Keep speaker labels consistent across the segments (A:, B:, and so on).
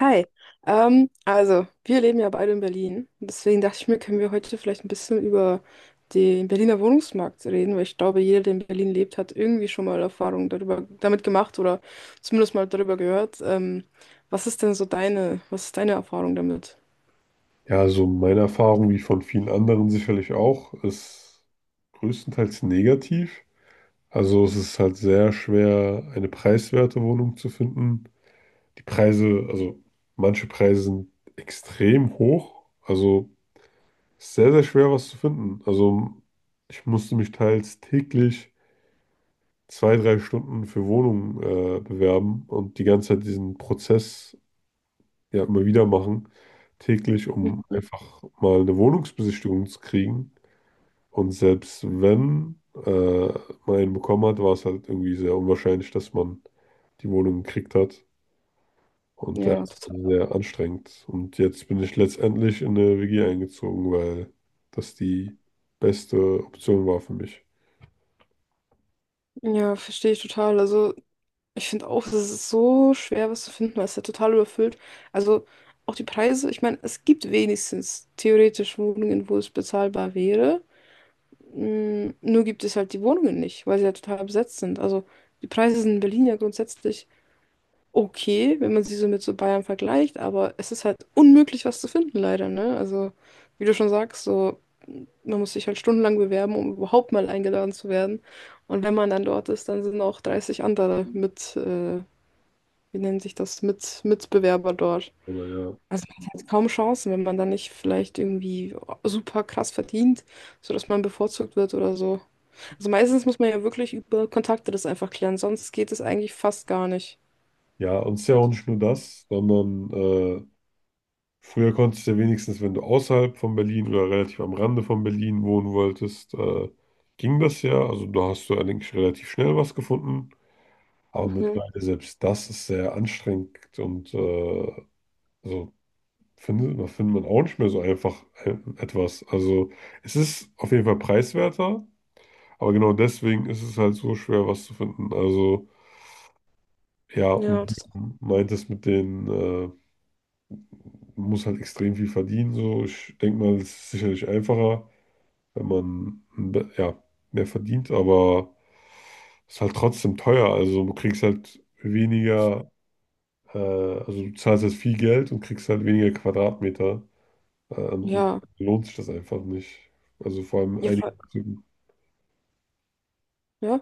A: Hi. Also wir leben ja beide in Berlin. Deswegen dachte ich mir, können wir heute vielleicht ein bisschen über den Berliner Wohnungsmarkt reden, weil ich glaube, jeder, der in Berlin lebt, hat irgendwie schon mal Erfahrungen darüber, damit gemacht oder zumindest mal darüber gehört. Was ist denn was ist deine Erfahrung damit?
B: Ja, also meine Erfahrung, wie von vielen anderen sicherlich auch, ist größtenteils negativ. Also es ist halt sehr schwer, eine preiswerte Wohnung zu finden. Die Preise, also manche Preise sind extrem hoch. Also es ist sehr, sehr schwer, was zu finden. Also ich musste mich teils täglich 2, 3 Stunden für Wohnungen bewerben und die ganze Zeit diesen Prozess ja immer wieder machen, täglich, um
A: Mhm.
B: einfach mal eine Wohnungsbesichtigung zu kriegen. Und selbst wenn man einen bekommen hat, war es halt irgendwie sehr unwahrscheinlich, dass man die Wohnung gekriegt hat. Und ja,
A: Ja,
B: es war
A: total.
B: sehr anstrengend. Und jetzt bin ich letztendlich in eine WG eingezogen, weil das die beste Option war für mich.
A: Ja, verstehe ich total. Also, ich finde auch, es ist so schwer, was zu finden, weil es ja total überfüllt. Also, auch die Preise, ich meine, es gibt wenigstens theoretisch Wohnungen, wo es bezahlbar wäre. Nur gibt es halt die Wohnungen nicht, weil sie ja total besetzt sind. Also die Preise sind in Berlin ja grundsätzlich okay, wenn man sie so mit so Bayern vergleicht, aber es ist halt unmöglich, was zu finden, leider, ne? Also, wie du schon sagst, so man muss sich halt stundenlang bewerben, um überhaupt mal eingeladen zu werden. Und wenn man dann dort ist, dann sind auch 30 andere mit, wie nennt sich das, mit Mitbewerber dort.
B: Aber ja.
A: Also kaum Chancen, wenn man dann nicht vielleicht irgendwie super krass verdient, sodass man bevorzugt wird oder so. Also meistens muss man ja wirklich über Kontakte das einfach klären, sonst geht es eigentlich fast gar nicht.
B: Ja, und es ist ja auch nicht nur das, sondern früher konntest du ja wenigstens, wenn du außerhalb von Berlin oder relativ am Rande von Berlin wohnen wolltest, ging das ja. Also da hast du eigentlich relativ schnell was gefunden. Aber
A: Mhm.
B: mittlerweile selbst das ist sehr anstrengend und also da findet man auch nicht mehr so einfach etwas. Also es ist auf jeden Fall preiswerter, aber genau deswegen ist es halt so schwer, was zu finden. Also ja,
A: Ja,
B: und wie
A: das,
B: du meintest mit den, man muss halt extrem viel verdienen. So, ich denke mal, es ist sicherlich einfacher, wenn man ja, mehr verdient, aber es ist halt trotzdem teuer. Also du kriegst halt weniger also du zahlst jetzt viel Geld und kriegst halt weniger Quadratmeter. Ähm,
A: ja.
B: lohnt sich das einfach nicht. Also vor allem
A: Ja.
B: einige.
A: Voll-, ja?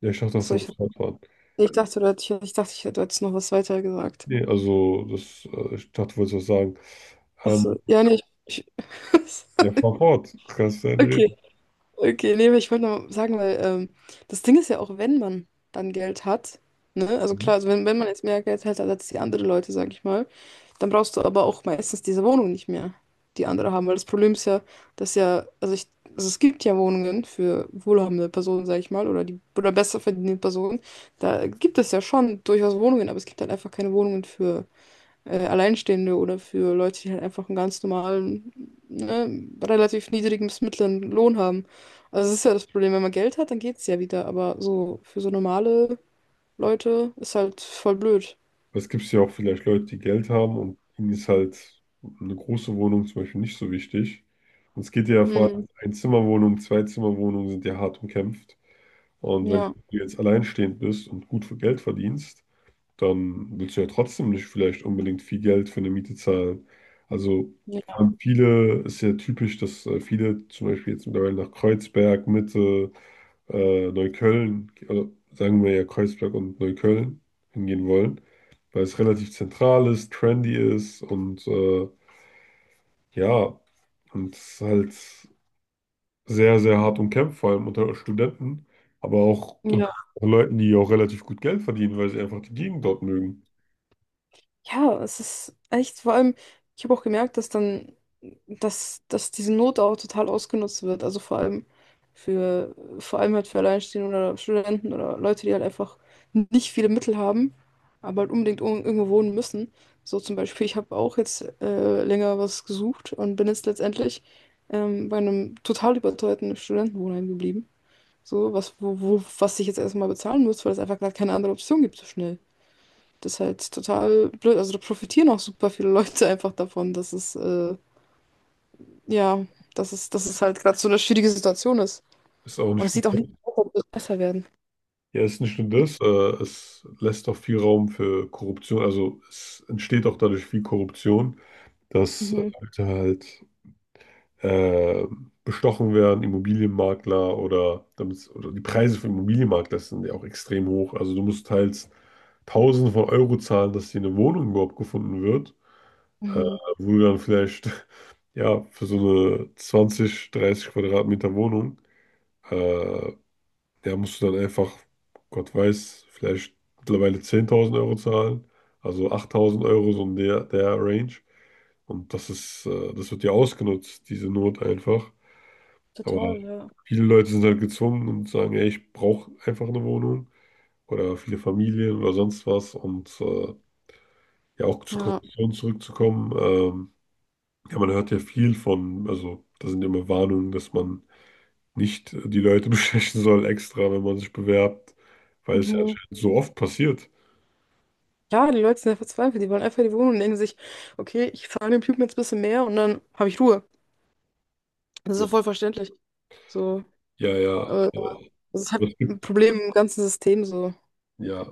B: Ja, ich dachte auch,
A: Achso,
B: du wolltest Rad fahren.
A: ich dachte, du hättest, ich dachte, ich hätte- jetzt noch was weiter gesagt.
B: Nee, also das, ich dachte, du wolltest was sagen. Ähm,
A: Achso, ja, nee. Ich, ich,
B: ja, fahr fort. Kannst du gerne
A: okay,
B: reden.
A: okay, nee, aber ich wollte noch sagen, weil das Ding ist ja auch, wenn man dann Geld hat, ne? Also
B: Mhm.
A: klar, also wenn man jetzt mehr Geld hat als die anderen Leute, sag ich mal. Dann brauchst du aber auch meistens diese Wohnung nicht mehr, die andere haben. Weil das Problem ist ja, dass ja, also ich, also es gibt ja Wohnungen für wohlhabende Personen, sag ich mal, oder die oder besser verdienende Personen. Da gibt es ja schon durchaus Wohnungen, aber es gibt halt einfach keine Wohnungen für Alleinstehende oder für Leute, die halt einfach einen ganz normalen, ne, relativ niedrigen bis mittleren Lohn haben. Also das ist ja das Problem, wenn man Geld hat, dann geht's ja wieder, aber so für so normale Leute ist halt voll blöd.
B: Es gibt ja auch vielleicht Leute, die Geld haben und ihnen ist halt eine große Wohnung zum Beispiel nicht so wichtig. Und es geht ja vor allem
A: Mhm.
B: Einzimmerwohnungen, Zweizimmerwohnungen sind ja hart umkämpft. Und wenn du
A: Ja.
B: jetzt alleinstehend bist und gut für Geld verdienst, dann willst du ja trotzdem nicht vielleicht unbedingt viel Geld für eine Miete zahlen. Also vor
A: Ja.
B: allem viele, ist ja typisch, dass viele zum Beispiel jetzt mittlerweile nach Kreuzberg, Mitte, Neukölln, also sagen wir ja Kreuzberg und Neukölln hingehen wollen, weil es relativ zentral ist, trendy ist und ja, und es ist halt sehr, sehr hart umkämpft, vor allem unter Studenten, aber auch unter
A: Ja.
B: Leuten, die auch relativ gut Geld verdienen, weil sie einfach die Gegend dort mögen.
A: Ja, es ist echt, vor allem, ich habe auch gemerkt, dass diese Not auch total ausgenutzt wird. Also vor allem halt für Alleinstehende oder Studenten oder Leute, die halt einfach nicht viele Mittel haben, aber halt unbedingt irgendwo wohnen müssen. So zum Beispiel, ich habe auch jetzt länger was gesucht und bin jetzt letztendlich bei einem total überteuerten Studentenwohnheim geblieben. So, was ich jetzt erstmal bezahlen muss, weil es einfach gar keine andere Option gibt so schnell. Das ist halt total blöd. Also da profitieren auch super viele Leute einfach davon, dass es, ja, dass es halt gerade so eine schwierige Situation ist.
B: Ist auch
A: Und
B: nicht
A: es sieht auch nicht
B: gut.
A: aus, als würde es besser werden.
B: Ja, es ist nicht nur das, es lässt auch viel Raum für Korruption, also es entsteht auch dadurch viel Korruption, dass
A: Mhm.
B: Leute halt äh, bestochen werden, Immobilienmakler oder, damit, oder die Preise für Immobilienmakler sind ja auch extrem hoch. Also du musst teils Tausende von Euro zahlen, dass dir eine Wohnung überhaupt gefunden wird, äh,
A: Mhm.
B: wo du dann vielleicht ja für so eine 20, 30 Quadratmeter Wohnung äh, der musst du dann einfach, Gott weiß, vielleicht mittlerweile 10.000 Euro zahlen, also 8.000 Euro, so in der Range. Und das wird ja ausgenutzt, diese Not einfach. Aber
A: Total, ja.
B: viele Leute sind halt gezwungen und sagen, ey, ich brauche einfach eine Wohnung oder viele Familien oder sonst was. Und ja, auch zur
A: Ja.
B: Korruption zurückzukommen. Ja, man hört ja viel von, also da sind immer Warnungen, dass man nicht die Leute bestechen soll extra, wenn man sich bewerbt, weil es ja
A: Mhm.
B: anscheinend so oft passiert.
A: Ja, die Leute sind ja verzweifelt, die wollen einfach die Wohnung und denken sich, okay, ich zahle dem Typen jetzt ein bisschen mehr und dann habe ich Ruhe. Das ist
B: Ja,
A: ja voll verständlich. So,
B: ja, ja.
A: aber das ist halt
B: Aber es
A: ein
B: gibt,
A: Problem im ganzen System, so.
B: ja,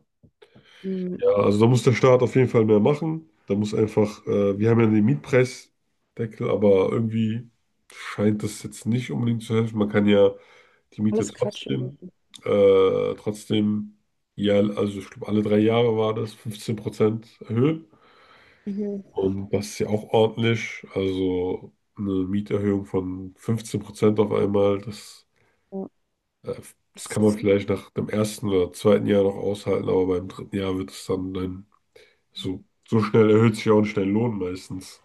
A: Mhm.
B: ja, also da muss der Staat auf jeden Fall mehr machen. Da muss einfach, wir haben ja den Mietpreisdeckel, aber irgendwie scheint das jetzt nicht unbedingt zu helfen. Man kann ja die Miete
A: Alles Quatsch,
B: trotzdem,
A: ey.
B: äh, trotzdem, ja, also ich glaube, alle 3 Jahre war das 15% erhöhen.
A: Mhm.
B: Und das ist ja auch ordentlich. Also eine Mieterhöhung von 15% auf einmal,
A: Ja.
B: äh, das
A: Es
B: kann man vielleicht nach dem ersten oder zweiten Jahr noch aushalten, aber beim dritten Jahr wird es dann, dann so schnell erhöht sich ja auch nicht dein Lohn meistens,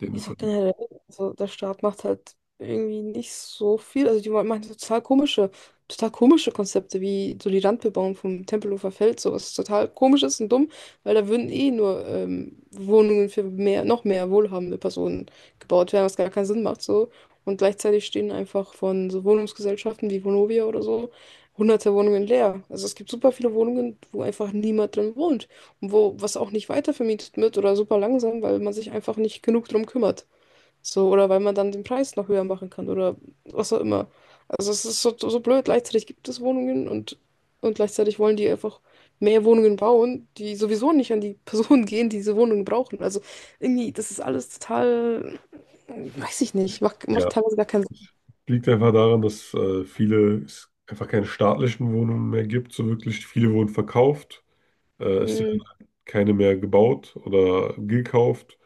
B: den du
A: Ist auch
B: verdienst.
A: generell, also der Staat macht halt irgendwie nicht so viel. Also die machen so total komische Konzepte, wie so die Randbebauung vom Tempelhofer Feld, sowas total komisch ist und dumm, weil da würden eh nur Wohnungen noch mehr wohlhabende Personen gebaut werden, was gar keinen Sinn macht so. Und gleichzeitig stehen einfach von so Wohnungsgesellschaften wie Vonovia oder so hunderte Wohnungen leer. Also es gibt super viele Wohnungen, wo einfach niemand drin wohnt, wo was auch nicht weiter vermietet wird oder super langsam, weil man sich einfach nicht genug drum kümmert. So, oder weil man dann den Preis noch höher machen kann oder was auch immer. Also es ist so blöd. Gleichzeitig gibt es Wohnungen, und gleichzeitig wollen die einfach mehr Wohnungen bauen, die sowieso nicht an die Personen gehen, die diese Wohnungen brauchen. Also irgendwie, das ist alles total, weiß ich nicht, macht
B: Ja,
A: teilweise gar keinen
B: das liegt einfach daran, dass viele es einfach keine staatlichen Wohnungen mehr gibt, so wirklich. Viele wurden verkauft, es
A: Sinn.
B: werden keine mehr gebaut oder gekauft.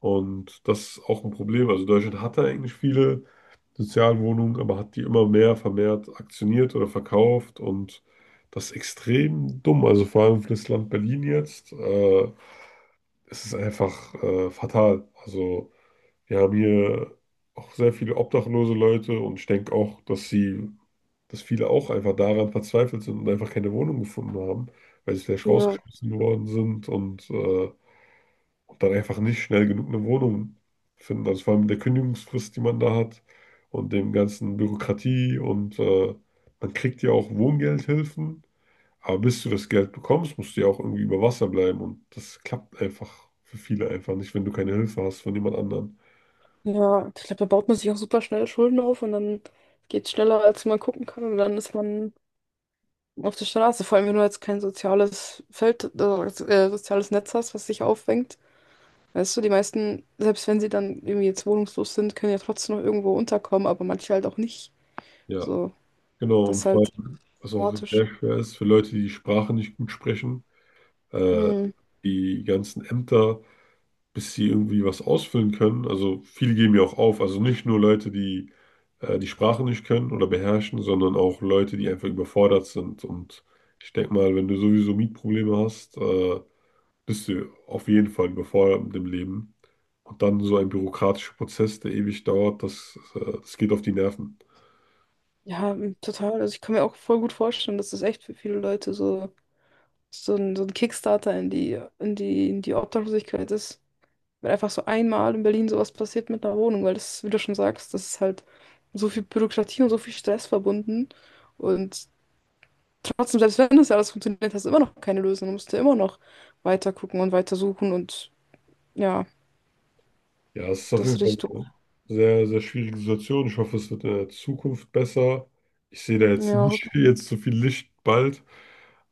B: Und das ist auch ein Problem. Also Deutschland hatte eigentlich viele Sozialwohnungen, aber hat die immer mehr vermehrt aktioniert oder verkauft. Und das ist extrem dumm. Also vor allem für das Land Berlin jetzt. Es ist einfach fatal. Also wir haben hier auch sehr viele obdachlose Leute und ich denke auch, dass viele auch einfach daran verzweifelt sind und einfach keine Wohnung gefunden haben, weil sie vielleicht
A: Ja,
B: rausgeschmissen worden sind und dann einfach nicht schnell genug eine Wohnung finden. Also vor allem mit der Kündigungsfrist, die man da hat und dem ganzen Bürokratie und man kriegt ja auch Wohngeldhilfen, aber bis du das Geld bekommst, musst du ja auch irgendwie über Wasser bleiben und das klappt einfach für viele einfach nicht, wenn du keine Hilfe hast von jemand anderem.
A: ja, ich glaube, da baut man sich auch super schnell Schulden auf und dann geht es schneller, als man gucken kann und dann ist man auf der Straße, vor allem wenn du jetzt kein soziales Feld, soziales Netz hast, was dich auffängt. Weißt du, die meisten, selbst wenn sie dann irgendwie jetzt wohnungslos sind, können ja trotzdem noch irgendwo unterkommen, aber manche halt auch nicht.
B: Ja,
A: So,
B: genau
A: das
B: und
A: ist
B: vor
A: halt
B: allem, was auch
A: dramatisch.
B: sehr schwer ist für Leute, die die Sprache nicht gut sprechen, äh,
A: Mhm.
B: die ganzen Ämter. Bis sie irgendwie was ausfüllen können. Also viele geben ja auch auf. Also nicht nur Leute, die die Sprache nicht können oder beherrschen, sondern auch Leute, die einfach überfordert sind. Und ich denke mal, wenn du sowieso Mietprobleme hast, bist du auf jeden Fall überfordert mit dem Leben. Und dann so ein bürokratischer Prozess, der ewig dauert, das geht auf die Nerven.
A: Ja, total. Also ich kann mir auch voll gut vorstellen, dass das echt für viele Leute so ein Kickstarter in die, in die, in die Obdachlosigkeit ist. Wenn einfach so einmal in Berlin sowas passiert mit einer Wohnung, weil das, wie du schon sagst, das ist halt so viel Bürokratie und so viel Stress verbunden. Und trotzdem, selbst wenn das ja alles funktioniert, hast du immer noch keine Lösung. Du musst ja immer noch weiter gucken und weiter suchen und ja,
B: Ja, es ist auf
A: das
B: jeden
A: ist
B: Fall
A: richtig doof.
B: eine sehr, sehr schwierige Situation. Ich hoffe, es wird in der Zukunft besser. Ich sehe da jetzt
A: Ja,
B: nicht jetzt so viel Licht bald.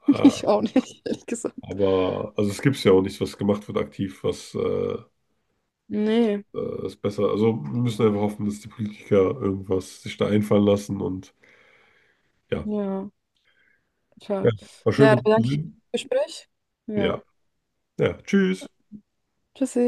B: Äh,
A: ich auch nicht, ehrlich gesagt.
B: Aber also es gibt ja auch nichts was gemacht wird aktiv, was
A: Nee,
B: ist besser. Also wir müssen einfach hoffen, dass die Politiker irgendwas sich da einfallen lassen und ja.
A: ja, tja.
B: Ja, war schön
A: Naja,
B: mit
A: dann
B: dir zu
A: danke ich für
B: reden.
A: das Gespräch. Ja,
B: Ja, ja, tschüss.
A: tschüssi.